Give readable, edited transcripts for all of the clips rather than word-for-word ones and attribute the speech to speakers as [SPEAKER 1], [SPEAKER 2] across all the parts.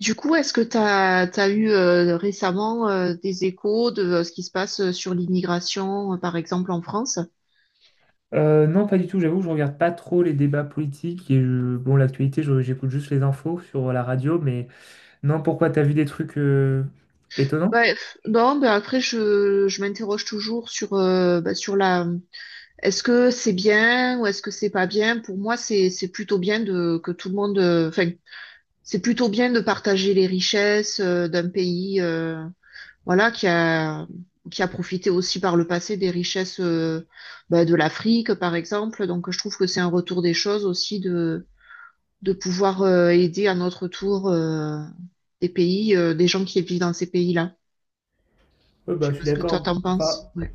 [SPEAKER 1] Du coup, est-ce que tu as, eu récemment, des échos de ce qui se passe sur l'immigration, par exemple en France?
[SPEAKER 2] Non, pas du tout. J'avoue je regarde pas trop les débats politiques. Et bon, l'actualité, j'écoute juste les infos sur la radio. Mais non, pourquoi t'as vu des trucs étonnants?
[SPEAKER 1] Ouais, pff, non, ben après je m'interroge toujours sur sur la est-ce que c'est bien ou est-ce que c'est pas bien? Pour moi, c'est plutôt bien de que tout le monde enfin c'est plutôt bien de partager les richesses d'un pays. Voilà, qui a profité aussi par le passé des richesses de l'Afrique, par exemple. Donc, je trouve que c'est un retour des choses aussi de pouvoir aider à notre tour des pays, des gens qui vivent dans ces pays-là.
[SPEAKER 2] Ouais,
[SPEAKER 1] Je
[SPEAKER 2] bah,
[SPEAKER 1] sais
[SPEAKER 2] je
[SPEAKER 1] pas
[SPEAKER 2] suis
[SPEAKER 1] ce que toi
[SPEAKER 2] d'accord.
[SPEAKER 1] t'en
[SPEAKER 2] Enfin,
[SPEAKER 1] penses. Ouais,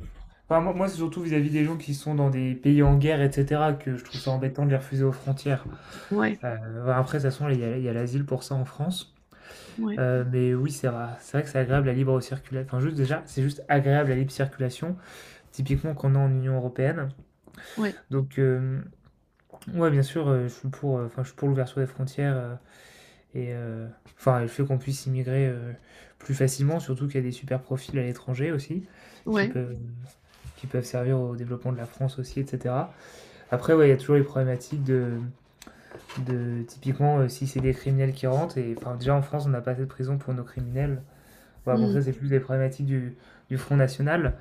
[SPEAKER 2] enfin, moi, moi, c'est surtout vis-à-vis des gens qui sont dans des pays en guerre, etc., que je trouve ça embêtant de les refuser aux frontières.
[SPEAKER 1] ouais,
[SPEAKER 2] Bah, après, de toute façon, il y a l'asile pour ça en France.
[SPEAKER 1] ouais,
[SPEAKER 2] Mais oui, c'est vrai, que c'est agréable la libre circulation. Enfin, juste déjà, c'est juste agréable la libre circulation, typiquement qu'on a en Union européenne.
[SPEAKER 1] ouais,
[SPEAKER 2] Donc, euh, Ouais, bien sûr, je suis pour, enfin, je suis pour l'ouverture des frontières, et enfin, le fait qu'on puisse immigrer, plus facilement, surtout qu'il y a des super profils à l'étranger aussi, qui
[SPEAKER 1] ouais,
[SPEAKER 2] peuvent qui peuvent servir au développement de la France aussi et cetera. Après, ouais, il y a toujours les problématiques de typiquement, si c'est des criminels qui rentrent et enfin, déjà en France, on n'a pas assez de prisons pour nos criminels. Ouais, bon, ça,
[SPEAKER 1] Hmm.
[SPEAKER 2] c'est plus des problématiques du Front national,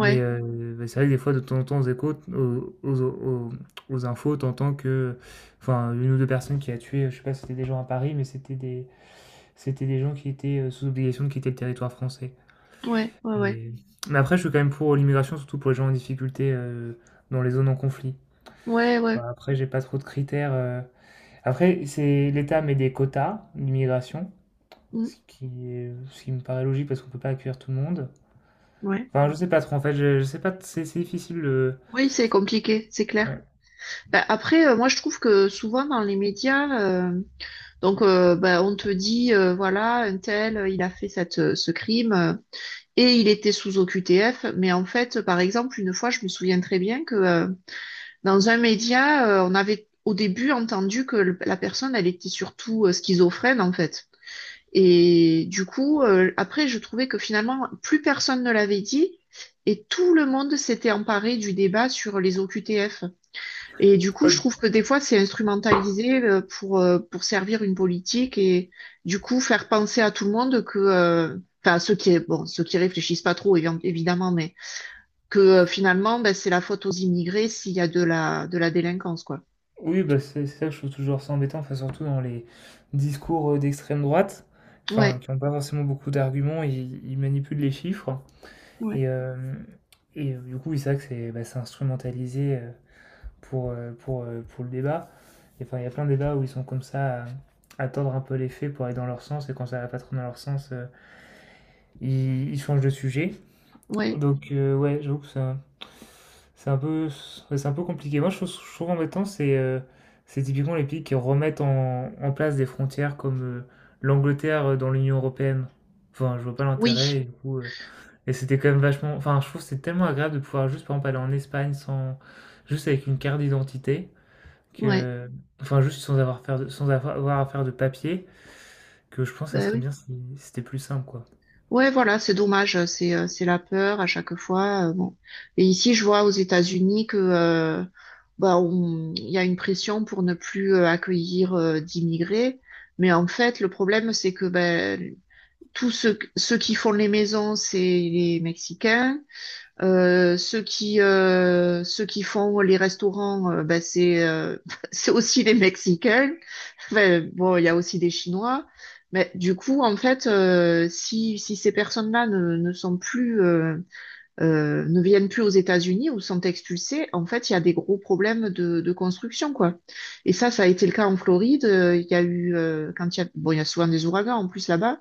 [SPEAKER 2] mais bah, c'est vrai que des fois, de temps en temps, aux échos, aux infos, tu que enfin, une ou 2 personnes qui a tué, je sais pas si c'était des gens à Paris, mais c'était des gens qui étaient, sous obligation de quitter le territoire français.
[SPEAKER 1] ouais, ouais, ouais,
[SPEAKER 2] Mais mais après, je suis quand même pour l'immigration, surtout pour les gens en difficulté, dans les zones en conflit.
[SPEAKER 1] ouais, ouais.
[SPEAKER 2] Bah, après, j'ai pas trop de critères, après, c'est l'État met des quotas d'immigration,
[SPEAKER 1] Hmm.
[SPEAKER 2] ce qui me paraît logique parce qu'on peut pas accueillir tout le monde.
[SPEAKER 1] Ouais.
[SPEAKER 2] Enfin, je sais pas trop, en fait, je sais pas, c'est difficile,
[SPEAKER 1] Oui, c'est compliqué, c'est clair.
[SPEAKER 2] ouais.
[SPEAKER 1] Bah, après, moi, je trouve que souvent dans les médias, donc, on te dit, voilà, un tel, il a fait ce crime, et il était sous OQTF. Mais en fait, par exemple, une fois, je me souviens très bien que dans un média, on avait au début entendu que la personne, elle était surtout schizophrène, en fait. Et du coup, après, je trouvais que finalement, plus personne ne l'avait dit et tout le monde s'était emparé du débat sur les OQTF. Et du coup,
[SPEAKER 2] Ouais,
[SPEAKER 1] je trouve que des fois, c'est instrumentalisé, pour servir une politique et du coup, faire penser à tout le monde que, enfin, ceux qui, bon, ceux qui réfléchissent pas trop, évidemment, mais que finalement, ben, c'est la faute aux immigrés s'il y a de la délinquance, quoi.
[SPEAKER 2] oui, bah, c'est ça que je trouve toujours ça embêtant, enfin, surtout dans les discours, d'extrême droite, enfin,
[SPEAKER 1] Ouais,
[SPEAKER 2] qui n'ont pas forcément beaucoup d'arguments, ils manipulent les chiffres et
[SPEAKER 1] ouais,
[SPEAKER 2] hem et du coup, oui, c'est vrai que c'est, bah, c'est instrumentalisé, pour le débat et enfin, il y a plein de débats où ils sont comme ça à tordre un peu les faits pour aller dans leur sens et quand ça va pas trop dans leur sens, ils changent de sujet
[SPEAKER 1] ouais,
[SPEAKER 2] donc, ouais, j'avoue que c'est un peu, ouais, c'est un peu compliqué. Moi, je trouve embêtant, c'est typiquement les pays qui remettent en place des frontières comme l'Angleterre dans l'Union européenne. Enfin, je vois pas
[SPEAKER 1] oui,
[SPEAKER 2] l'intérêt, et du coup, et c'était quand même vachement. Enfin, je trouve que c'est tellement agréable de pouvoir juste, par exemple, aller en Espagne sans, juste avec une carte d'identité,
[SPEAKER 1] ouais,
[SPEAKER 2] que, enfin, juste sans avoir, sans avoir à faire de papier, que je pense que ça
[SPEAKER 1] ben
[SPEAKER 2] serait
[SPEAKER 1] oui.
[SPEAKER 2] bien si c'était plus simple, quoi.
[SPEAKER 1] Ouais, voilà, c'est dommage, c'est la peur à chaque fois. Euh, bon. Et ici, je vois aux États-Unis que bah, il y a une pression pour ne plus accueillir d'immigrés, mais en fait, le problème, c'est que ben ceux qui font les maisons, c'est les Mexicains. Ceux qui font les restaurants, ben, c'est c'est aussi les Mexicains. Enfin, bon, il y a aussi des Chinois, mais du coup, en fait, si ces personnes-là ne sont plus, ne viennent plus aux États-Unis ou sont expulsées, en fait, il y a des gros problèmes de construction, quoi. Et ça a été le cas en Floride. Il y a eu, quand il y a, bon, il y a souvent des ouragans en plus là-bas.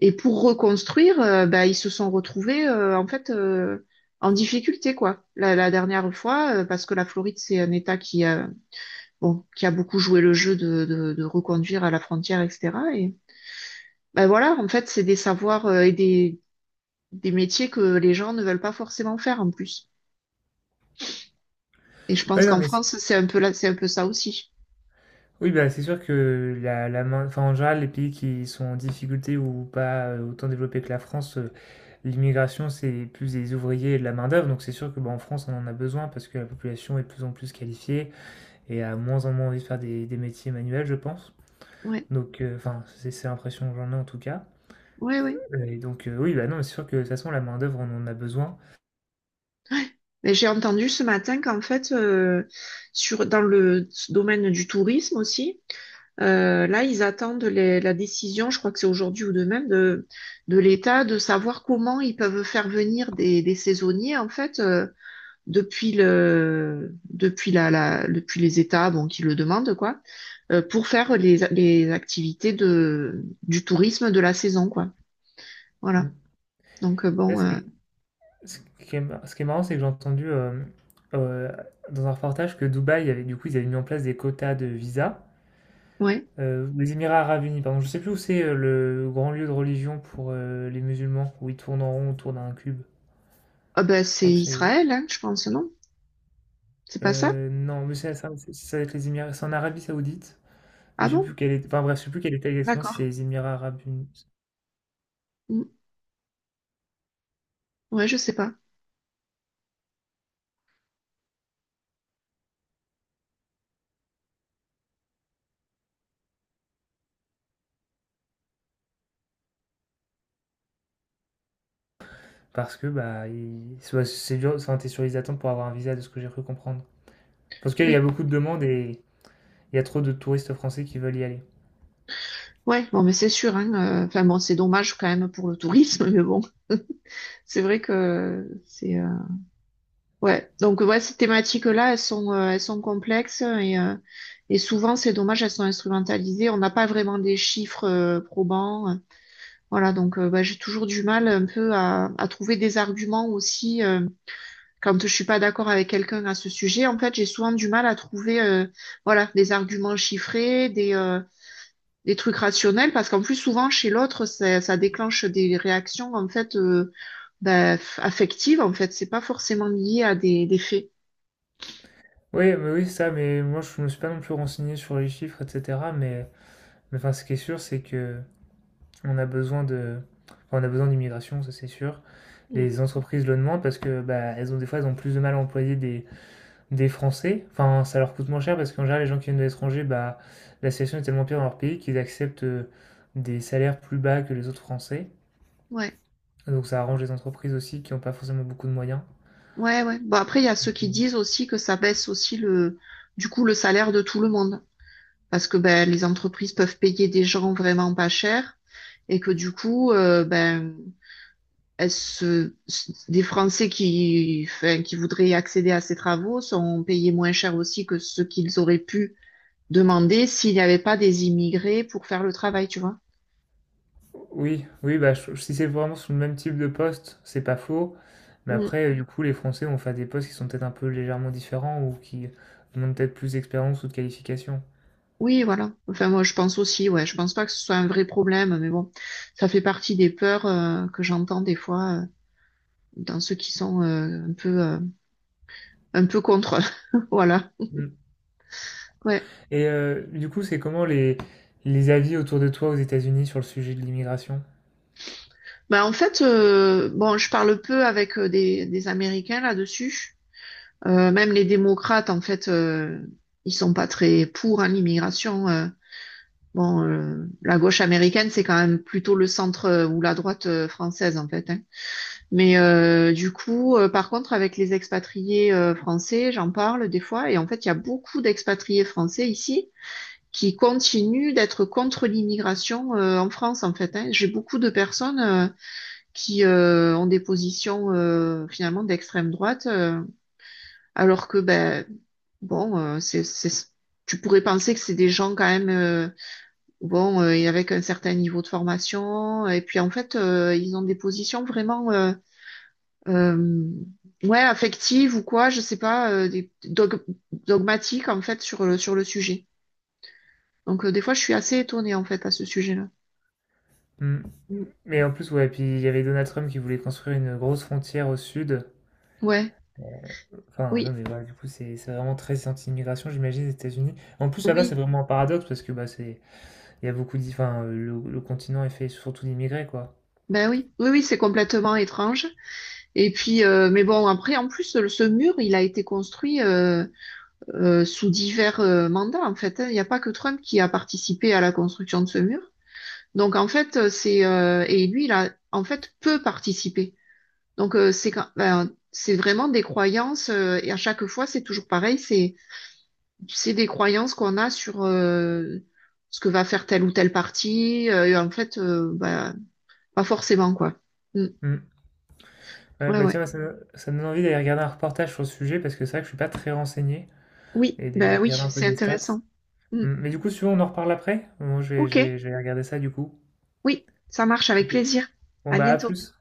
[SPEAKER 1] Et pour reconstruire, bah, ils se sont retrouvés, en fait, en difficulté, quoi. La dernière fois, parce que la Floride, c'est un État qui a bon, qui a beaucoup joué le jeu de reconduire à la frontière, etc. Et ben voilà, en fait, c'est des savoirs et des métiers que les gens ne veulent pas forcément faire en plus. Et je
[SPEAKER 2] Ah
[SPEAKER 1] pense
[SPEAKER 2] oui, non,
[SPEAKER 1] qu'en
[SPEAKER 2] mais
[SPEAKER 1] France, c'est un peu là, c'est un peu ça aussi.
[SPEAKER 2] oui, bah, c'est sûr que enfin, en général, les pays qui sont en difficulté ou pas autant développés que la France, l'immigration, c'est plus des ouvriers et de la main-d'œuvre. Donc, c'est sûr que bah, en France, on en a besoin parce que la population est de plus en plus qualifiée et a moins en moins envie de faire des métiers manuels, je pense.
[SPEAKER 1] Ouais,
[SPEAKER 2] Donc, enfin, c'est l'impression que j'en ai en tout cas.
[SPEAKER 1] ouais, ouais.
[SPEAKER 2] Et donc, oui, bah non, mais c'est sûr que de toute façon, la main-d'œuvre, on en a besoin.
[SPEAKER 1] Mais j'ai entendu ce matin qu'en fait, sur, dans le domaine du tourisme aussi, là, ils attendent la décision, je crois que c'est aujourd'hui ou demain, de l'État, de savoir comment ils peuvent faire venir des saisonniers, en fait, depuis le depuis la, la depuis les États bon qui le demandent quoi, pour faire les activités de du tourisme de la saison quoi, voilà.
[SPEAKER 2] Mm.
[SPEAKER 1] Donc
[SPEAKER 2] Là,
[SPEAKER 1] bon,
[SPEAKER 2] ce qui est marrant, c'est que j'ai entendu euh, dans un reportage que Dubaï, avait, du coup, ils avaient mis en place des quotas de visa.
[SPEAKER 1] ouais.
[SPEAKER 2] Les Émirats Arabes Unis, pardon. Je sais plus où c'est le grand lieu de religion pour les musulmans, où ils tournent en rond autour d'un cube.
[SPEAKER 1] Ah ben
[SPEAKER 2] Je
[SPEAKER 1] c'est
[SPEAKER 2] crois que c'est.
[SPEAKER 1] Israël hein, je pense non, c'est pas ça.
[SPEAKER 2] Non, mais c'est ça, ça va être les Émirats. C'est en Arabie Saoudite. Mais
[SPEAKER 1] Ah
[SPEAKER 2] je sais
[SPEAKER 1] bon.
[SPEAKER 2] plus quelle est. Enfin bref, je sais plus quelle était exactement si c'est
[SPEAKER 1] D'accord.
[SPEAKER 2] les Émirats Arabes Unis.
[SPEAKER 1] Mm. Ouais je sais pas.
[SPEAKER 2] Parce que bah, soit c'est dur, ça était sur les attentes pour avoir un visa, de ce que j'ai cru comprendre. Parce qu'il y a
[SPEAKER 1] Oui.
[SPEAKER 2] beaucoup de demandes et il y a trop de touristes français qui veulent y aller.
[SPEAKER 1] Ouais bon mais c'est sûr hein, enfin bon c'est dommage quand même pour le tourisme mais bon, c'est vrai que c'est ouais. Donc ouais, ces thématiques-là, elles sont complexes et souvent, c'est dommage, elles sont instrumentalisées. On n'a pas vraiment des chiffres probants. Voilà, donc bah, j'ai toujours du mal un peu à trouver des arguments aussi quand je suis pas d'accord avec quelqu'un à ce sujet. En fait, j'ai souvent du mal à trouver voilà, des arguments chiffrés, des trucs rationnels, parce qu'en plus, souvent, chez l'autre, ça déclenche des réactions en fait bah, affectives. En fait, c'est pas forcément lié à des faits.
[SPEAKER 2] Oui, mais oui, c'est ça, mais moi je me suis pas non plus renseigné sur les chiffres, etc. Mais enfin, ce qui est sûr, c'est que on a besoin de, enfin, on a besoin d'immigration, ça c'est sûr.
[SPEAKER 1] Mm.
[SPEAKER 2] Les entreprises le demandent parce que bah, elles ont des fois elles ont plus de mal à employer des Français. Enfin, ça leur coûte moins cher parce qu'en général les gens qui viennent de l'étranger, bah, la situation est tellement pire dans leur pays qu'ils acceptent des salaires plus bas que les autres Français.
[SPEAKER 1] Ouais.
[SPEAKER 2] Donc ça arrange les entreprises aussi qui n'ont pas forcément beaucoup de moyens.
[SPEAKER 1] Ouais, ouais. Bon, après, il y a ceux qui disent aussi que ça baisse aussi le, du coup, le salaire de tout le monde. Parce que ben, les entreprises peuvent payer des gens vraiment pas cher et que du coup, ben, elles se- des Français qui, enfin, qui voudraient accéder à ces travaux sont payés moins cher aussi que ce qu'ils auraient pu demander s'il n'y avait pas des immigrés pour faire le travail, tu vois.
[SPEAKER 2] Oui, oui, bah, si c'est vraiment sur le même type de poste, c'est pas faux. Mais
[SPEAKER 1] Mm.
[SPEAKER 2] après, du coup, les Français vont faire des postes qui sont peut-être un peu légèrement différents ou qui demandent peut-être plus d'expérience ou de qualification.
[SPEAKER 1] Oui, voilà. Enfin, moi, je pense aussi, ouais. Je pense pas que ce soit un vrai problème, mais bon, ça fait partie des peurs, que j'entends des fois. Dans ceux qui sont un peu contre. Voilà.
[SPEAKER 2] Mm.
[SPEAKER 1] Ouais.
[SPEAKER 2] Et du coup, c'est comment les avis autour de toi aux États-Unis sur le sujet de l'immigration?
[SPEAKER 1] Bah en fait, bon, je parle peu avec des Américains là-dessus. Même les démocrates, en fait, ils sont pas très pour hein, l'immigration. Bon, la gauche américaine, c'est quand même plutôt le centre ou la droite française, en fait, hein. Mais du coup, par contre, avec les expatriés français, j'en parle des fois, et en fait, il y a beaucoup d'expatriés français ici qui continuent d'être contre l'immigration en France, en fait, hein. J'ai beaucoup de personnes qui ont des positions finalement d'extrême droite, alors que ben bon, tu pourrais penser que c'est des gens quand même et avec un certain niveau de formation, et puis en fait ils ont des positions vraiment euh, ouais affectives ou quoi, je sais pas, dogmatiques en fait sur le sujet. Donc des fois je suis assez étonnée en fait à ce sujet-là.
[SPEAKER 2] Hmm. Mais en plus, ouais, puis il y avait Donald Trump qui voulait construire une grosse frontière au sud.
[SPEAKER 1] Ouais,
[SPEAKER 2] Euh, Enfin, non,
[SPEAKER 1] oui,
[SPEAKER 2] mais voilà, du coup, c'est vraiment très anti-immigration, j'imagine, les États-Unis. En plus, là-bas, c'est
[SPEAKER 1] oui,
[SPEAKER 2] vraiment un paradoxe parce que bah, c'est, il y a beaucoup d'i- enfin, le continent est fait surtout d'immigrés, quoi.
[SPEAKER 1] ben oui, oui, oui, c'est complètement étrange. Et puis, mais bon, après, en plus, ce mur, il a été construit sous divers mandats, en fait, hein. Il n'y a pas que Trump qui a participé à la construction de ce mur. Donc, en fait, c'est et lui, il a en fait peu participé. Donc, c'est quand, ben, c'est vraiment des croyances et à chaque fois, c'est toujours pareil. C'est des croyances qu'on a sur ce que va faire tel ou tel parti. Et en fait, ben, pas forcément, quoi. Mm.
[SPEAKER 2] Hmm. Ouais,
[SPEAKER 1] Ouais,
[SPEAKER 2] bah
[SPEAKER 1] ouais.
[SPEAKER 2] tiens, ça me donne envie d'aller regarder un reportage sur le sujet parce que c'est vrai que je suis pas très renseigné
[SPEAKER 1] Oui,
[SPEAKER 2] et d'aller
[SPEAKER 1] ben oui,
[SPEAKER 2] regarder un peu
[SPEAKER 1] c'est
[SPEAKER 2] des stats.
[SPEAKER 1] intéressant. Mm.
[SPEAKER 2] Hmm. Mais du coup, si tu veux, on en reparle après. Moi,
[SPEAKER 1] Ok,
[SPEAKER 2] je vais regarder ça du coup.
[SPEAKER 1] oui, ça marche avec
[SPEAKER 2] Ok.
[SPEAKER 1] plaisir.
[SPEAKER 2] Bon,
[SPEAKER 1] À
[SPEAKER 2] bah, à
[SPEAKER 1] bientôt.
[SPEAKER 2] plus.